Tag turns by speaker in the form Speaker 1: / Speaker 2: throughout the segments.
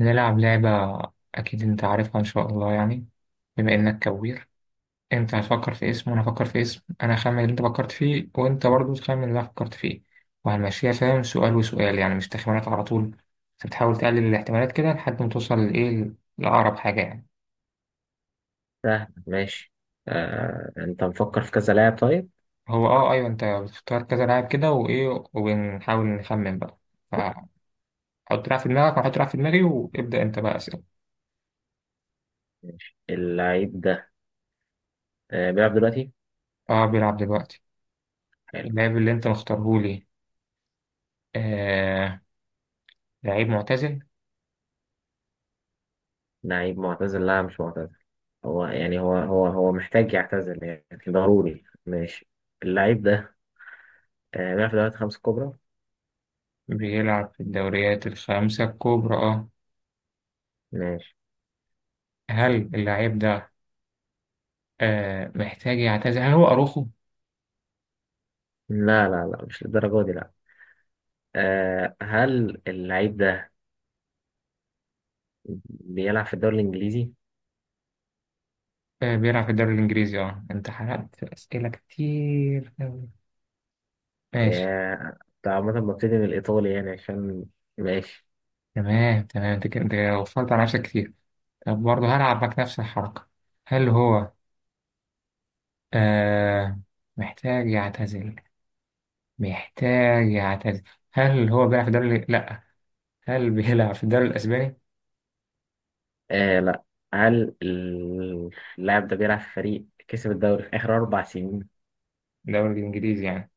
Speaker 1: نلعب لعبة. أكيد أنت عارفها إن شاء الله يعني. بما إنك كوير أنت هتفكر في اسم وأنا هفكر في اسم. أنا هخمن اللي أنت فكرت فيه وأنت برضه تخمن اللي أنا فكرت فيه وهنمشيها فاهم، سؤال وسؤال يعني مش تخمينات على طول. أنت بتحاول تقلل الاحتمالات كده لحد ما توصل لإيه، لأقرب حاجة يعني.
Speaker 2: سهل، ماشي. انت مفكر في كذا لاعب؟ طيب،
Speaker 1: هو أيوه أنت بتختار كذا لاعب كده، وإيه وبنحاول نخمن بقى. فحط لاعب في دماغك وأنا هحط لاعب في دماغي، وابدأ أنت بقى أسئلة.
Speaker 2: اللعيب ده بيلعب دلوقتي؟
Speaker 1: أه، بيلعب دلوقتي.
Speaker 2: حلو.
Speaker 1: اللاعب اللي أنت مختارهولي. آه لعيب معتزل.
Speaker 2: لعيب معتزل؟ لا، مش معتزل. هو يعني هو محتاج يعتزل يعني ضروري. ماشي. اللعيب ده بيلعب في دوري الخمسة الكبرى؟
Speaker 1: بيلعب في الدوريات الخمسة الكبرى، اه.
Speaker 2: ماشي.
Speaker 1: هل اللاعب ده محتاج يعتزل؟ هل هو أروخو؟
Speaker 2: لا، لا، لا، مش للدرجة دي، لا. هل اللعيب ده بيلعب في الدوري الإنجليزي؟
Speaker 1: آه بيلعب في الدوري الإنجليزي، اه أنت حرقت أسئلة كتير أوي. ماشي
Speaker 2: آه، ده عامة ببتدي من الإيطالي يعني، عشان. ماشي.
Speaker 1: تمام تمام، أنت كده أنت كده وفرت على نفسك كتير. طب برضه هلعبك نفس الحركة. هل هو آه محتاج يعتزل؟ محتاج يعتزل. هل هو بيلعب في الدوري؟ لأ. هل بيلعب في الدوري الأسباني؟
Speaker 2: آه، لا. هل اللاعب ده بيلعب في فريق كسب الدوري في آخر 4 سنين؟
Speaker 1: الدوري الإنجليزي يعني.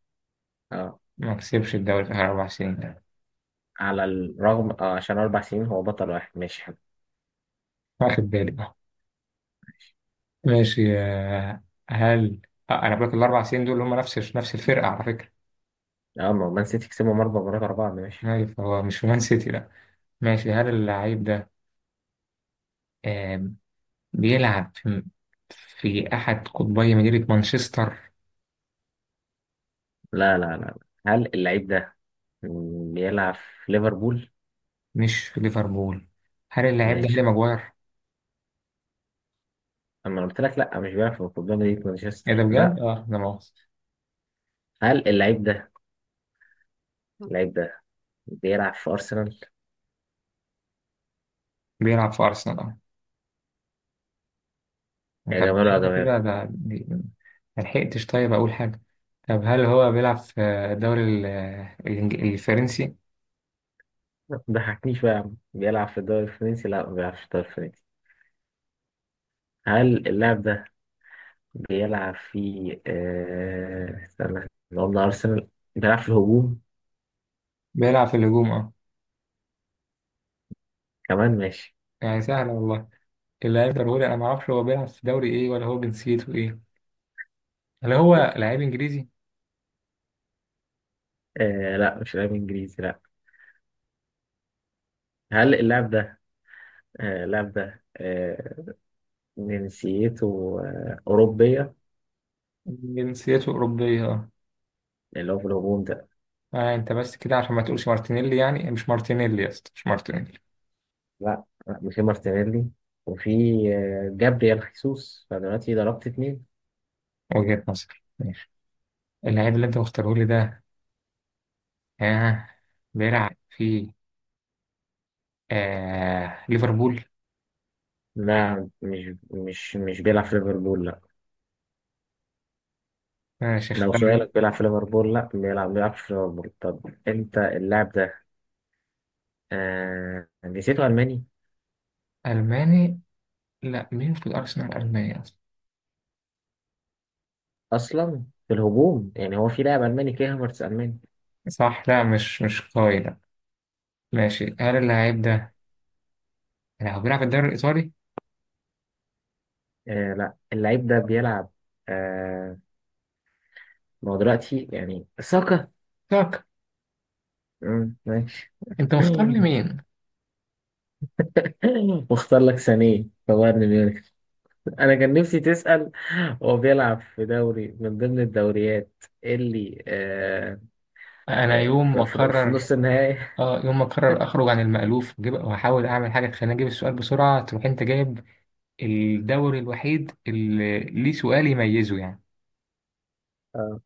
Speaker 2: اه.
Speaker 1: ما كسبش الدوري في آخر أربع سنين.
Speaker 2: على الرغم، اه، عشان 4 سنين هو بطل واحد. ماشي، حلو.
Speaker 1: واخد بالي. ماشي. هل آه، انا بقول لك الاربع سنين دول هم نفس الفرقه على فكره.
Speaker 2: اه، ما هو مان سيتي كسبهم 4 مرات ورا بعض. ماشي.
Speaker 1: ماشي، فهو مش في مان سيتي، لا. ماشي. هل اللعيب ده آم، بيلعب في احد قطبي مدينه مانشستر؟
Speaker 2: لا، لا، لا، لا. هل اللعيب ده بيلعب في ليفربول؟
Speaker 1: مش في ليفربول. هل اللعيب ده هاري
Speaker 2: ماشي.
Speaker 1: ماجواير؟
Speaker 2: أما أنا قلت لك لا، مش بيلعب في قدام مدينة
Speaker 1: ايه ده
Speaker 2: مانشستر، لا.
Speaker 1: بجد؟ اه ده مؤاخذة.
Speaker 2: هل اللعيب ده، اللعيب ده بيلعب في أرسنال؟
Speaker 1: بيلعب في ارسنال، اه.
Speaker 2: يا
Speaker 1: طب
Speaker 2: جماله، يا
Speaker 1: كده
Speaker 2: جماله.
Speaker 1: كده ده ما لحقتش. طيب اقول حاجه. طب هل هو بيلعب في الدوري الفرنسي؟
Speaker 2: ما تضحكنيش بقى يا عم. بيلعب في الدوري الفرنسي؟ لا، ما بيلعبش في الدوري الفرنسي. هل اللاعب ده بيلعب في استنى، إحنا قلنا أرسنال. بيلعب في الهجوم
Speaker 1: بيلعب في الهجوم، اه.
Speaker 2: كمان. ماشي.
Speaker 1: يعني سهل والله. اللاعب ضروري، انا ما اعرفش هو بيلعب في دوري ايه، ولا هو جنسيته ايه. هل هو لعيب انجليزي؟
Speaker 2: لا، مش لاعب إنجليزي، لا. هل اللاعب ده، آه... اللاعب ده آه... جنسيته أوروبية.
Speaker 1: جنسيته اوروبيه، اه.
Speaker 2: اللي هو في الهجوم ده.
Speaker 1: انت بس كده عشان ما تقولش مارتينيلي، يعني مش مارتينيلي يا اسطى، مش مارتينيلي.
Speaker 2: لا، لا، مش مارتينيلي. وفي جابريال خيسوس، فدلوقتي ضربت اتنين.
Speaker 1: وجهة نظر. ماشي. اللاعب اللي انت مختاره لي ده، آه، بيلعب في ليفربول.
Speaker 2: لا، مش بيلعب في ليفربول، لا.
Speaker 1: ماشي،
Speaker 2: لو
Speaker 1: اختار.
Speaker 2: سؤالك بيلعب في ليفربول؟ لا، بيلعب في ليفربول. طب، انت، اللاعب ده جنسيته ألماني.
Speaker 1: الماني؟ لا، مين في الارسنال الماني اصلا؟
Speaker 2: اصلا في الهجوم، يعني هو في لاعب الماني؟ كيه هافرتس الماني.
Speaker 1: صح. لا مش قوي، لا. ماشي. هل اللاعب ده يعني هو بيلعب في الدوري الايطالي؟
Speaker 2: آه، لا. اللعيب ده بيلعب. آه ما هو دلوقتي يعني ساكا.
Speaker 1: تاك.
Speaker 2: مم، ماشي.
Speaker 1: انت مختار لي مين؟
Speaker 2: واختار لك سانيه في بايرن ميونخ. انا كان نفسي تسأل هو بيلعب في دوري من ضمن الدوريات اللي
Speaker 1: انا يوم ما
Speaker 2: في
Speaker 1: اقرر.
Speaker 2: نص النهائي.
Speaker 1: اه، يوم ما اقرر اخرج عن المألوف واحاول اعمل حاجه تخليني اجيب السؤال بسرعه تروح انت جايب الدوري الوحيد اللي ليه سؤال يميزه يعني.
Speaker 2: آه،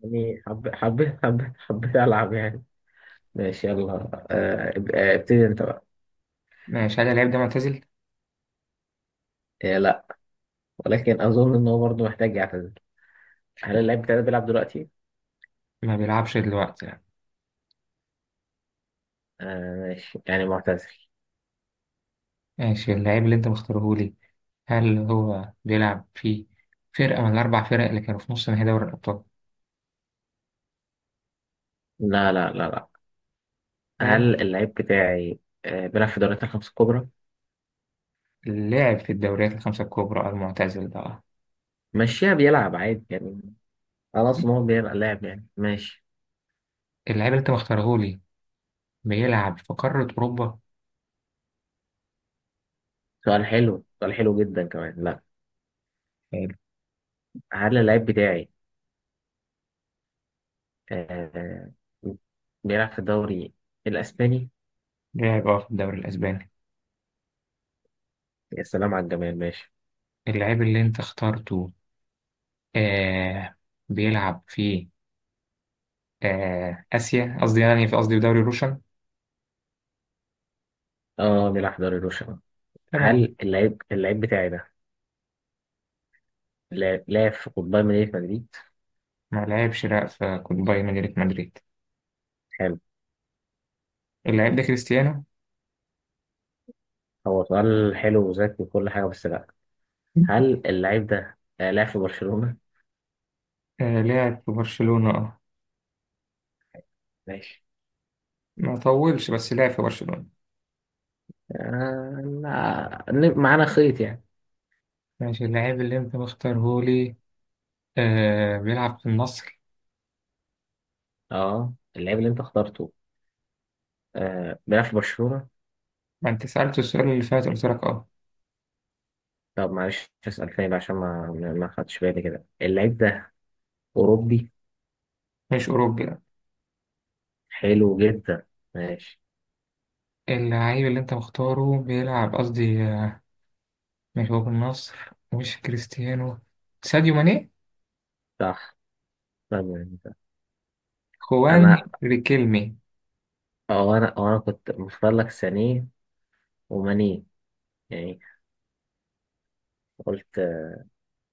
Speaker 2: يعني حب حب حب حبيت العب يعني. ماشي، يلا. آه، ابتدي انت بقى.
Speaker 1: ماشي. هل اللعيب ده معتزل؟
Speaker 2: آه، لا. ولكن أظن إن هو برضه محتاج يعتزل. هل اللعيب بتاعي ده بيلعب دلوقتي؟
Speaker 1: ما بيلعبش دلوقتي يعني.
Speaker 2: آه، ماشي يعني معتزل.
Speaker 1: ماشي. اللعيب اللي انت مختاره لي، هل هو بيلعب في فرقه من الاربع فرق اللي كانوا في نص نهائي دوري الابطال؟
Speaker 2: لا، لا، لا، لا.
Speaker 1: هل
Speaker 2: هل اللعيب بتاعي بيلعب في الدوريات الخمس الكبرى؟
Speaker 1: لعب في الدوريات الخمسه الكبرى المعتزل ده؟
Speaker 2: ماشيها، بيلعب عادي يعني. خلاص، إن هو بيلعب لاعب يعني. ماشي.
Speaker 1: اللعيب اللي انت مختاره لي بيلعب في قاره اوروبا.
Speaker 2: سؤال حلو، سؤال حلو جدا كمان. لا.
Speaker 1: حلو.
Speaker 2: هل اللعيب بتاعي آه بيلعب في الدوري الإسباني؟
Speaker 1: لعب، اه، في الدوري الاسباني.
Speaker 2: يا سلام على الجمال. ماشي.
Speaker 1: اللعيب اللي انت اخترته، آه، بيلعب في آه آسيا، قصدي يعني في، قصدي في دوري روشن.
Speaker 2: اه، بيلعب في دوري روشن.
Speaker 1: تمام.
Speaker 2: هل اللعيب بتاعي ده لاعب في قطبي مدينة مدريد؟
Speaker 1: ما لعبش لا في كود بايرن ميونخ مدريد. اللاعب ده كريستيانو؟
Speaker 2: هو سؤال حلو وذكي وكل حاجة، بس لأ. هل اللعيب ده لعب في برشلونة؟
Speaker 1: آه لعب في برشلونة، اه.
Speaker 2: ماشي.
Speaker 1: ما طولش بس لعب في برشلونة.
Speaker 2: آه، لا. معانا خيط يعني.
Speaker 1: ماشي. اللاعب اللي انت مختارهولي، آه، بيلعب في النصر.
Speaker 2: اه، اللعيب اللي انت اخترته بيلعب في برشلونة؟
Speaker 1: ما انت سألت السؤال اللي فات قلت لك اه.
Speaker 2: طب معلش، اسأل تاني بقى عشان ما خدتش بالي كده. اللعيب ده أوروبي؟
Speaker 1: مش أوروبي، لا.
Speaker 2: حلو جدا. ماشي.
Speaker 1: اللعيب اللي انت مختاره بيلعب، قصدي مش هو في النصر؟ مش كريستيانو؟ ساديو ماني؟
Speaker 2: صح، تمام.
Speaker 1: خوان
Speaker 2: أنا
Speaker 1: ريكيلمي؟
Speaker 2: أنا كنت مختار لك سانيه ومانيه، يعني. قلت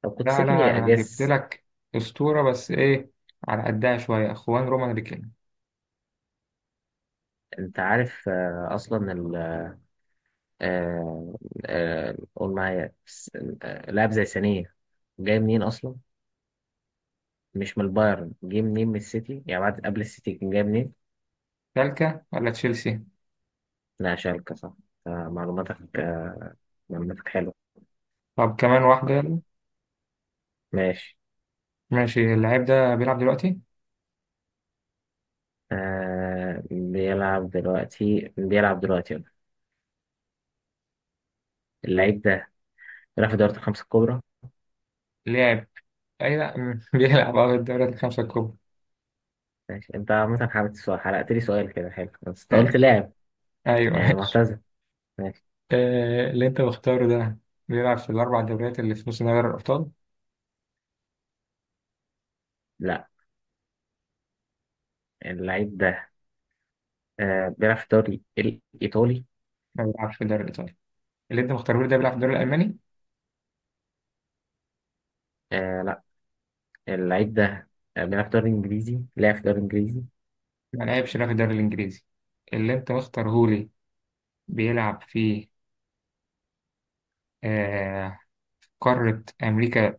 Speaker 2: طب كنت
Speaker 1: لا لا،
Speaker 2: سيبني
Speaker 1: انا جبت
Speaker 2: أجس.
Speaker 1: لك اسطوره بس ايه، على قدها شويه، اخوان رومان ريكين.
Speaker 2: أنت عارف أصلا، آه، قول معايا لاعب زي ثانية، جاي منين أصلا؟ مش من البايرن. جاي منين؟ من السيتي، يعني قبل السيتي كان جاي منين؟
Speaker 1: تالكا ولا تشيلسي؟
Speaker 2: لا، شالكة، صح. معلوماتك، حلوة.
Speaker 1: طب كمان واحده، يلا.
Speaker 2: ماشي.
Speaker 1: ماشي. اللاعب ده بيلعب دلوقتي؟
Speaker 2: آه، بيلعب دلوقتي، يلا. اللعيب ده بيلعب في دوري الخمسة الكبرى.
Speaker 1: لعب. اي لا بيلعب اه الدوريات الخمسه الكبرى.
Speaker 2: ماشي. انت عامة حابب السؤال، حرقت لي سؤال كده حلو. بس انت قلت
Speaker 1: ماشي،
Speaker 2: لاعب
Speaker 1: ايوه
Speaker 2: يعني
Speaker 1: ماشي.
Speaker 2: معتزل. ماشي.
Speaker 1: آه، اللي انت مختاره ده بيلعب في الاربع دوريات اللي في نص نهائي دوري الابطال؟
Speaker 2: لا، اللعيب ده بيلعب في الدوري الإيطالي.
Speaker 1: ما بيلعبش في الدوري الايطالي؟ اللي انت مختاره ده بيلعب في الدوري الالماني.
Speaker 2: آه، اللعيب ده بيلعب في الدوري الانجليزي، لعب في الدوري الانجليزي.
Speaker 1: ما لعبش لا في الدوري الانجليزي. اللي انت مختاره لي بيلعب في آه، قارة أمريكا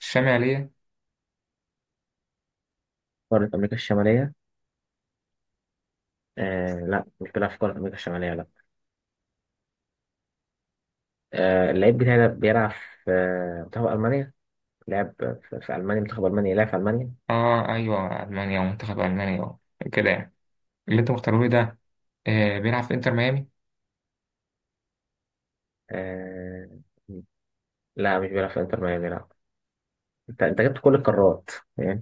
Speaker 1: الشمالية.
Speaker 2: قارة امريكا الشمالية؟ آه، لا، مش بيلعب في قارة امريكا الشمالية، لا. آه، اللعيب بتاعي ده بيلعب في منتخب المانيا. لعب في المانيا، منتخب المانيا، لعب في المانيا.
Speaker 1: آه أيوة، ألمانيا ومنتخب ألمانيا، كده يعني. اللي أنت مختارهولي ده، آه، بيلعب في إنتر ميامي.
Speaker 2: آه، لا، مش بيلعب في انتر ميامي، لا. انت جبت كل القارات يعني،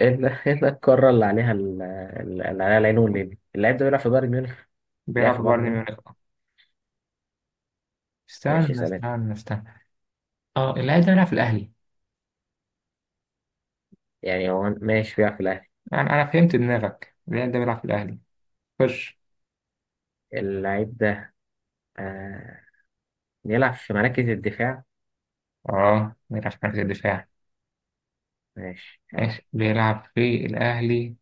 Speaker 2: الا، الا القارة اللي عليها العين والليل. اللعيب ده بيلعب في بايرن ميونخ. لعب
Speaker 1: بيلعب
Speaker 2: في
Speaker 1: في
Speaker 2: بايرن
Speaker 1: بايرن
Speaker 2: ميونخ.
Speaker 1: ميونخ،
Speaker 2: ماشي،
Speaker 1: استنى
Speaker 2: سلام.
Speaker 1: استنى استنى. آه، اللاعب ده بيلعب في الأهلي؟
Speaker 2: يعني هو ماشي بيلعب في الاهلي.
Speaker 1: أنا فهمت دماغك، اللاعب ده بيلعب في الأهلي. خش.
Speaker 2: اللعيب ده آه بيلعب في مراكز الدفاع.
Speaker 1: آه بيلعب في مركز الدفاع.
Speaker 2: ماشي يعني.
Speaker 1: ماشي، بيلعب في الأهلي،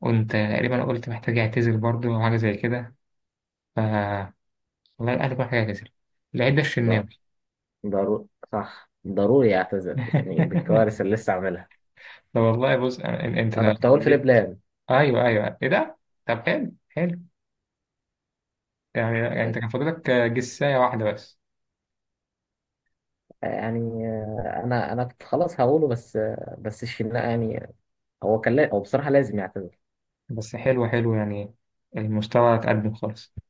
Speaker 1: وأنت تقريبا قلت محتاج يعتزل برضه أو حاجة زي كده، ف، والله الأهلي محتاج يعتزل. اللعيب ده
Speaker 2: ض-
Speaker 1: الشناوي.
Speaker 2: ضروري. صح، ضروري اعتذر يعني بالكوارث اللي لسه عاملها.
Speaker 1: طب والله بص انت
Speaker 2: انا كنت هقول في
Speaker 1: وديتني.
Speaker 2: لبنان.
Speaker 1: ايوه ايوه، ايه ده؟ طب حلو حلو يعني. يعني انت كان فاضلك جساية واحدة بس.
Speaker 2: يعني انا كنت خلاص هقوله، بس بس الشناقه يعني. هو كان هو بصراحه لازم يعتذر.
Speaker 1: بس حلو حلو يعني، المستوى اتقدم خالص.